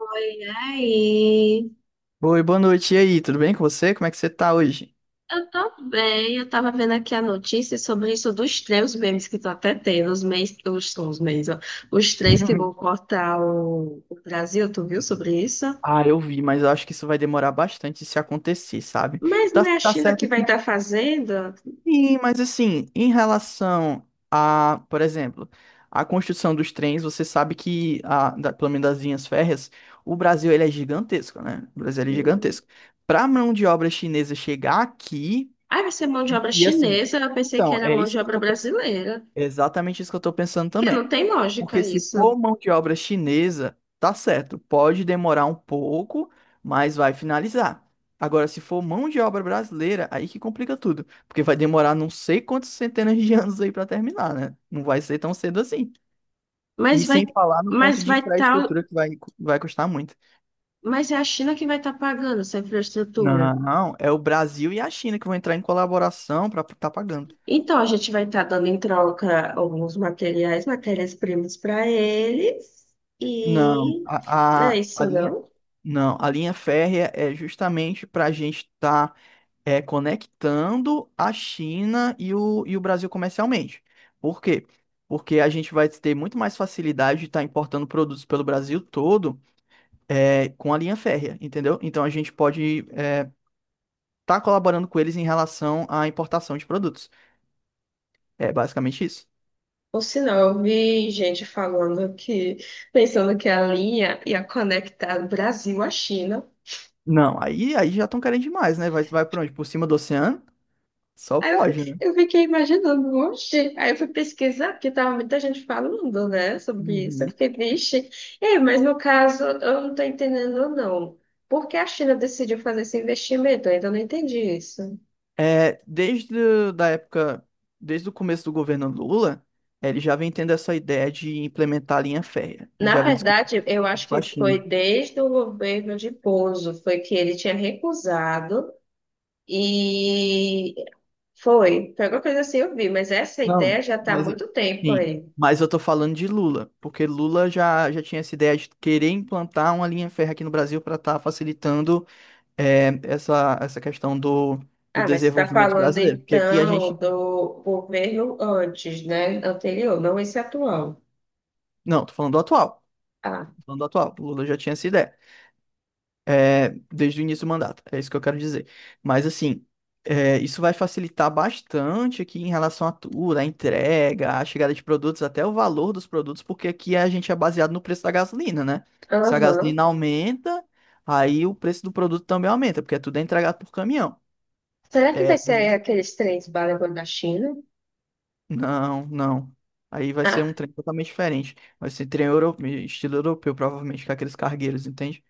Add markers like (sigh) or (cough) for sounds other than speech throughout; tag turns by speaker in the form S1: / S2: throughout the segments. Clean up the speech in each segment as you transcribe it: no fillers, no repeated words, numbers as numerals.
S1: Oi, aí.
S2: Oi, boa noite. E aí, tudo bem com você? Como é que você tá hoje?
S1: Eu tô bem. Eu tava vendo aqui a notícia sobre isso dos três memes que tô até tendo, os memes, os memes, ó. Os trens que vão
S2: (laughs)
S1: cortar o Brasil, tu viu sobre isso?
S2: Ah, eu vi, mas eu acho que isso vai demorar bastante se acontecer, sabe?
S1: Mas não
S2: Tá,
S1: é a
S2: tá
S1: China que
S2: certo
S1: vai
S2: que
S1: estar fazendo?
S2: sim, mas assim, em relação a, por exemplo, a construção dos trens, você sabe que, a, da, pelo menos das linhas férreas, o Brasil ele é gigantesco, né? O Brasil ele é
S1: Hum.
S2: gigantesco. Pra mão de obra chinesa chegar aqui,
S1: Ah, vai ser mão de
S2: e,
S1: obra
S2: e assim,
S1: chinesa. Eu pensei que
S2: então,
S1: era
S2: é
S1: mão
S2: isso
S1: de
S2: que eu
S1: obra
S2: tô pensando.
S1: brasileira.
S2: Exatamente isso que eu tô pensando
S1: Que
S2: também.
S1: não tem lógica
S2: Porque se
S1: isso.
S2: for mão de obra chinesa, tá certo, pode demorar um pouco, mas vai finalizar. Agora, se for mão de obra brasileira, aí que complica tudo, porque vai demorar não sei quantas centenas de (laughs) anos aí para terminar, né? Não vai ser tão cedo assim. E
S1: Mas vai,
S2: sem falar no ponto
S1: mas
S2: de
S1: vai estar,
S2: infraestrutura que vai, vai custar muito.
S1: mas é a China que vai estar pagando essa infraestrutura.
S2: Não, é o Brasil e a China que vão entrar em colaboração para estar pagando.
S1: Então, a gente vai estar dando em troca alguns materiais, matérias-primas para eles.
S2: Não,
S1: E não é
S2: a
S1: isso,
S2: linha,
S1: não?
S2: Não, a linha férrea é justamente para a gente estar conectando a China e o Brasil comercialmente. Por quê? Porque a gente vai ter muito mais facilidade de estar importando produtos pelo Brasil todo com a linha férrea, entendeu? Então a gente pode estar colaborando com eles em relação à importação de produtos. É basicamente isso.
S1: Ou senão, eu vi gente falando que, pensando que a linha ia conectar o Brasil à China.
S2: Não, aí já estão querendo demais, né? Vai por onde? Por cima do oceano? Só
S1: Aí eu,
S2: pode, né?
S1: eu fiquei imaginando, oxe. Aí eu fui pesquisar, porque tava muita gente falando, né, sobre isso.
S2: Uhum.
S1: Eu fiquei, vixe. É, mas no caso, eu não tô entendendo, não. Por que a China decidiu fazer esse investimento? Eu ainda não entendi isso.
S2: Da época, desde o começo do governo Lula, ele já vem tendo essa ideia de implementar a linha férrea. Ele
S1: Na
S2: já vem discutindo
S1: verdade, eu acho
S2: isso com
S1: que
S2: a
S1: foi
S2: China.
S1: desde o governo de Bozo, foi que ele tinha recusado e foi, foi alguma coisa assim eu vi, mas essa ideia
S2: Não,
S1: já está há
S2: mas
S1: muito tempo
S2: sim,
S1: aí.
S2: mas eu tô falando de Lula, porque Lula já tinha essa ideia de querer implantar uma linha férrea aqui no Brasil para estar facilitando essa questão do
S1: Ah, mas você está
S2: desenvolvimento
S1: falando
S2: brasileiro. Porque aqui a
S1: então
S2: gente.
S1: do governo antes, né? Anterior, não esse atual.
S2: Não, tô falando do atual.
S1: Ah,
S2: Tô falando do atual. Lula já tinha essa ideia. Desde o início do mandato. É isso que eu quero dizer. Mas, assim, é, isso vai facilitar bastante aqui em relação à tudo, à entrega, à chegada de produtos, até o valor dos produtos, porque aqui a gente é baseado no preço da gasolina, né? Se a
S1: aham.
S2: gasolina aumenta, aí o preço do produto também aumenta, porque tudo é entregado por caminhão.
S1: Será que
S2: É,
S1: vai ser
S2: beleza.
S1: aqueles trens balangando da China?
S2: Não. Aí vai ser um
S1: Ah,
S2: trem totalmente diferente. Vai ser trem europeu, estilo europeu, provavelmente, com aqueles cargueiros, entende?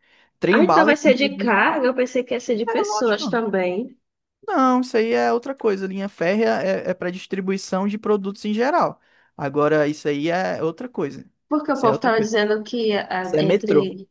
S1: ah,
S2: Trem
S1: então
S2: bala,
S1: vai ser de
S2: inclusive.
S1: carga? Eu pensei que ia ser de
S2: É
S1: pessoas
S2: lógico.
S1: também.
S2: Não, isso aí é outra coisa. Linha férrea é para distribuição de produtos em geral. Agora, isso aí é outra coisa.
S1: Porque o
S2: Isso é
S1: povo
S2: outra
S1: estava
S2: coisa.
S1: dizendo que ah,
S2: Isso é metrô.
S1: entre...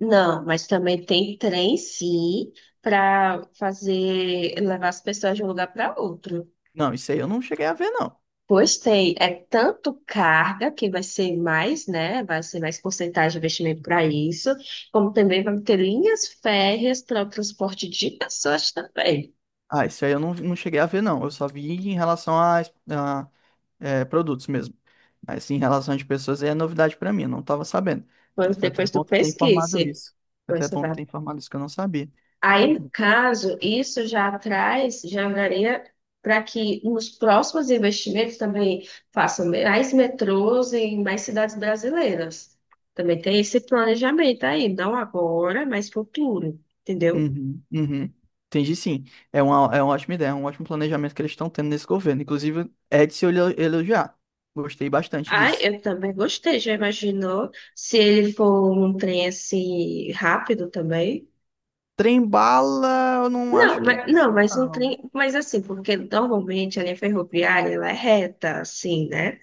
S1: Não, mas também tem trem, sim, para fazer levar as pessoas de um lugar para outro.
S2: Não, isso aí eu não cheguei a ver, não.
S1: Pois tem, é tanto carga que vai ser mais, né? Vai ser mais porcentagem de investimento para isso, como também vai ter linhas férreas para o transporte de pessoas também.
S2: Ah, isso aí eu não cheguei a ver, não. Eu só vi em relação a produtos mesmo. Mas em relação de pessoas aí é novidade pra mim, eu não tava sabendo. É,
S1: Pois
S2: foi até
S1: depois tu
S2: bom tu ter
S1: pesquise,
S2: informado isso. Foi
S1: pois
S2: até
S1: você
S2: bom tu
S1: vai...
S2: ter informado isso que eu não sabia.
S1: Aí, no caso, isso já traz, já varia para que nos próximos investimentos também façam mais metrôs em mais cidades brasileiras. Também tem esse planejamento aí, não agora, mas futuro, entendeu?
S2: Uhum, uhum. Entendi, sim. É uma ótima ideia, é um ótimo planejamento que eles estão tendo nesse governo. Inclusive, é de se elogiar. Gostei bastante
S1: Ai,
S2: disso.
S1: eu também gostei. Já imaginou se ele for um trem assim rápido também?
S2: Trembala, eu não
S1: Não,
S2: acho que
S1: mas,
S2: vai ser,
S1: não, mas um
S2: não.
S1: trem, mas assim, porque normalmente a linha ferroviária ela é reta, assim, né?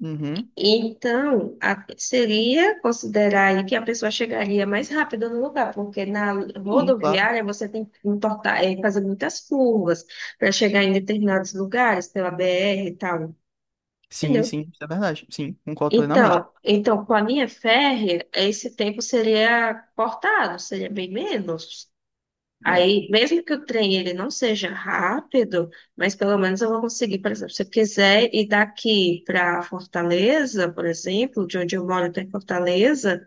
S2: Uhum.
S1: Então, seria considerar aí que a pessoa chegaria mais rápido no lugar, porque na
S2: Sim, claro.
S1: rodoviária você tem que importar, é, fazer muitas curvas para chegar em determinados lugares, pela BR e tal,
S2: Sim,
S1: entendeu?
S2: sim, isso é verdade. Sim, concordo plenamente.
S1: Então, com a linha férrea, esse tempo seria cortado, seria bem menos.
S2: É.
S1: Aí, mesmo que o trem ele não seja rápido, mas pelo menos eu vou conseguir, por exemplo, se eu quiser ir daqui para Fortaleza, por exemplo, de onde eu moro até Fortaleza,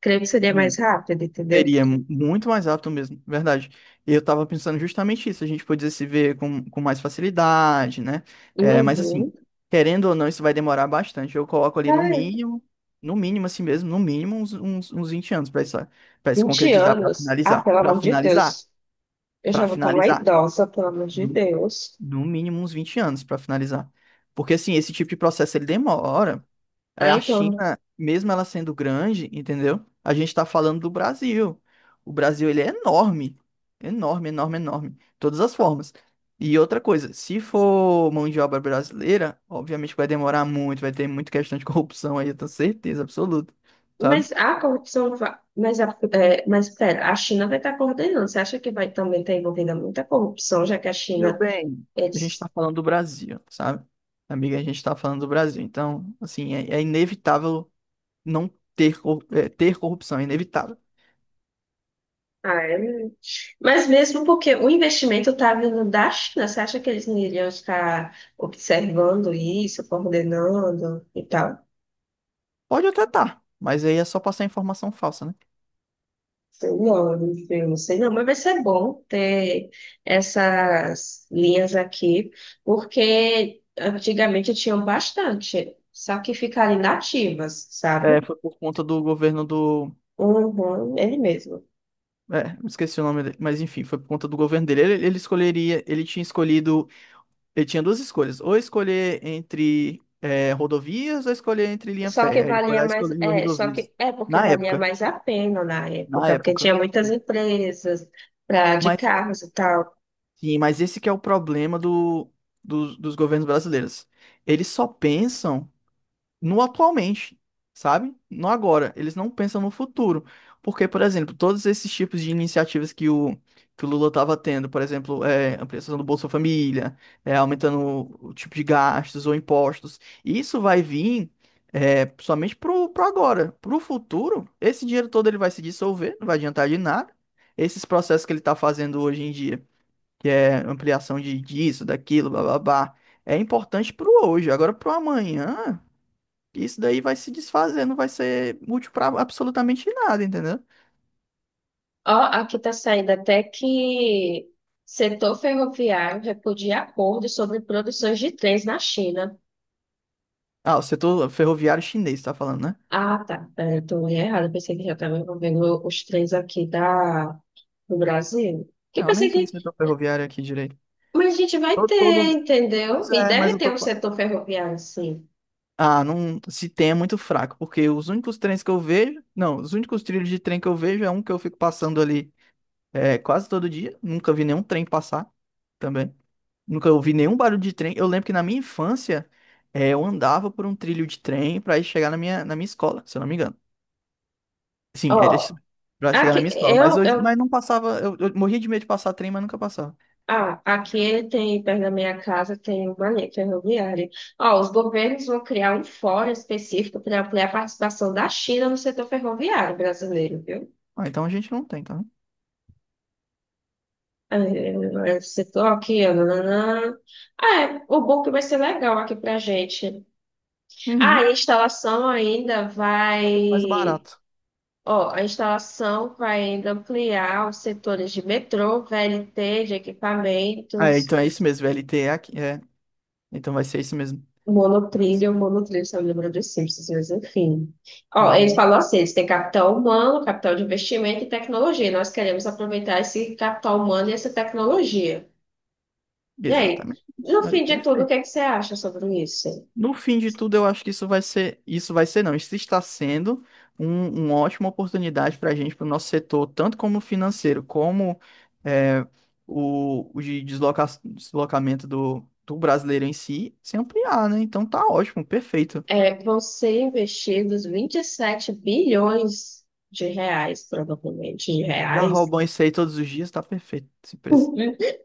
S1: creio que seria mais
S2: Hum.
S1: rápido, entendeu?
S2: Muito mais rápido mesmo, verdade. Eu tava pensando justamente isso, a gente podia se ver com mais facilidade, né? É, mas assim,
S1: Uhum.
S2: querendo ou não, isso vai demorar bastante. Eu coloco ali no
S1: Ai,
S2: mínimo, no mínimo assim mesmo, no mínimo uns 20 anos pra isso, para se
S1: 20
S2: concretizar,
S1: anos. Ah, pelo amor de Deus. Eu já
S2: pra
S1: vou estar uma
S2: finalizar.
S1: idosa, pelo amor de
S2: No,
S1: Deus.
S2: no mínimo uns 20 anos pra finalizar. Porque assim, esse tipo de processo ele demora. É,
S1: Ah,
S2: a
S1: então.
S2: China, mesmo ela sendo grande, entendeu? A gente tá falando do Brasil. O Brasil, ele é enorme. Enorme, enorme, enorme. De todas as formas. E outra coisa, se for mão de obra brasileira, obviamente vai demorar muito, vai ter muita questão de (laughs) corrupção aí, eu tenho certeza absoluta, sabe?
S1: Mas a corrupção. Mas, a, é, mas espera, a China vai estar coordenando. Você acha que vai também estar envolvida muita corrupção, já que a
S2: Meu
S1: China.
S2: bem. A gente tá falando do Brasil, sabe? Amiga, a gente tá falando do Brasil. Então, assim, é inevitável não ter corrupção, é inevitável.
S1: Ah, é muito. Mas mesmo porque o investimento está vindo da China, você acha que eles não iriam estar observando isso, coordenando e tal?
S2: Pode até tá, mas aí é só passar informação falsa, né?
S1: Sei não, eu não sei não, mas vai ser bom ter essas linhas aqui, porque antigamente tinham bastante, só que ficaram inativas, sabe?
S2: É, foi por conta do governo do.
S1: Uhum, ele mesmo.
S2: É, esqueci o nome dele, mas enfim, foi por conta do governo dele. Ele escolheria, ele tinha escolhido, ele tinha duas escolhas, ou escolher entre rodovias ou escolher entre linha
S1: Só que
S2: férrea. Ele foi
S1: valia
S2: lá e
S1: mais,
S2: escolheu
S1: é, só
S2: rodovias.
S1: que é porque
S2: Na
S1: valia
S2: época,
S1: mais a pena na
S2: na
S1: época, porque
S2: época.
S1: tinha muitas empresas pra, de
S2: Mas, é,
S1: carros e tal.
S2: sim, mas esse que é o problema do, dos governos brasileiros. Eles só pensam no atualmente, sabe? No agora. Eles não pensam no futuro. Porque, por exemplo, todos esses tipos de iniciativas que o Lula estava tendo, por exemplo, ampliação do Bolsa Família, é, aumentando o tipo de gastos ou impostos, isso vai vir somente pro agora. Pro futuro, esse dinheiro todo ele vai se dissolver, não vai adiantar de nada. Esses processos que ele está fazendo hoje em dia, que é ampliação de disso, daquilo, blá blá blá, é importante pro hoje. Agora, pro amanhã isso daí vai se desfazer, não vai ser útil pra absolutamente nada, entendeu?
S1: Ó, aqui tá saindo até que setor ferroviário repudia acordo sobre produções de trens na China.
S2: Ah, o setor ferroviário chinês, tá falando, né?
S1: Ah, tá. Peraí, eu tô olhando errado. Pensei que já estava envolvendo os trens aqui da, do Brasil. Que
S2: Não,
S1: pensei
S2: nem tem
S1: que...
S2: setor ferroviário aqui direito.
S1: Mas a gente vai
S2: Todo,
S1: ter,
S2: todo...
S1: entendeu?
S2: Pois
S1: E
S2: é, mas
S1: deve
S2: eu
S1: ter
S2: tô
S1: um
S2: falando.
S1: setor ferroviário, sim.
S2: Ah, não, se tem é muito fraco, porque os únicos trens que eu vejo, não, os únicos trilhos de trem que eu vejo é um que eu fico passando ali quase todo dia, nunca vi nenhum trem passar também. Nunca ouvi nenhum barulho de trem. Eu lembro que na minha infância, eu andava por um trilho de trem pra ir chegar na minha escola, se eu não me engano. Sim, era
S1: Ó,
S2: isso pra chegar
S1: aqui,
S2: na minha escola. Mas
S1: eu,
S2: hoje,
S1: eu
S2: mas não passava. Eu morria de medo de passar trem, mas nunca passava.
S1: Ah, aqui tem, perto da minha casa, tem uma linha ferroviária. Ó, os governos vão criar um fórum específico para ampliar a participação da China no setor ferroviário brasileiro, viu?
S2: Ah, então a gente não tem, tá?
S1: É, é, setor aqui, ó, nananã. Ah, é, o book vai ser legal aqui pra gente. Ah,
S2: Uhum.
S1: a instalação ainda
S2: Tá tudo mais
S1: vai...
S2: barato.
S1: Ó, a instalação vai ainda ampliar os setores de metrô, VLT, de
S2: Ah, é, então
S1: equipamentos...
S2: é isso mesmo. VLT é aqui. É. Então vai ser isso mesmo.
S1: Monotrilho, monotrilho, você lembra dos Simpsons, mas enfim. Ó, eles
S2: Uhum.
S1: falam assim, eles têm capital humano, capital de investimento e tecnologia. Nós queremos aproveitar esse capital humano e essa tecnologia. E aí,
S2: Exatamente.
S1: no
S2: Aí,
S1: fim de tudo, o que
S2: perfeito.
S1: é que você acha sobre isso?
S2: No fim de tudo, eu acho que isso vai ser não, isso está sendo uma ótima oportunidade para a gente, para o nosso setor, tanto como financeiro, como é, o de deslocamento do brasileiro em si, se ampliar, né? Então tá ótimo, perfeito.
S1: É, vão ser investidos 27 bilhões de reais, provavelmente, de
S2: Já
S1: reais.
S2: roubam isso aí todos os dias, tá perfeito esse preço.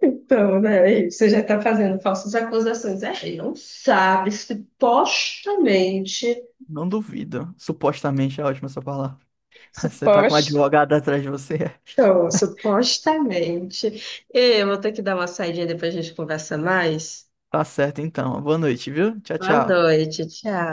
S1: Então, né, você já está fazendo falsas acusações. É, ele não sabe, supostamente...
S2: Não duvido. Supostamente é ótima essa palavra. (laughs) Você tá com um
S1: Supostamente.
S2: advogado atrás de você. (laughs)
S1: Então, supostamente. Ei, eu vou ter que dar uma saidinha depois a gente conversa mais.
S2: Tá certo então. Boa noite, viu? Tchau,
S1: Boa
S2: tchau.
S1: noite, tchau.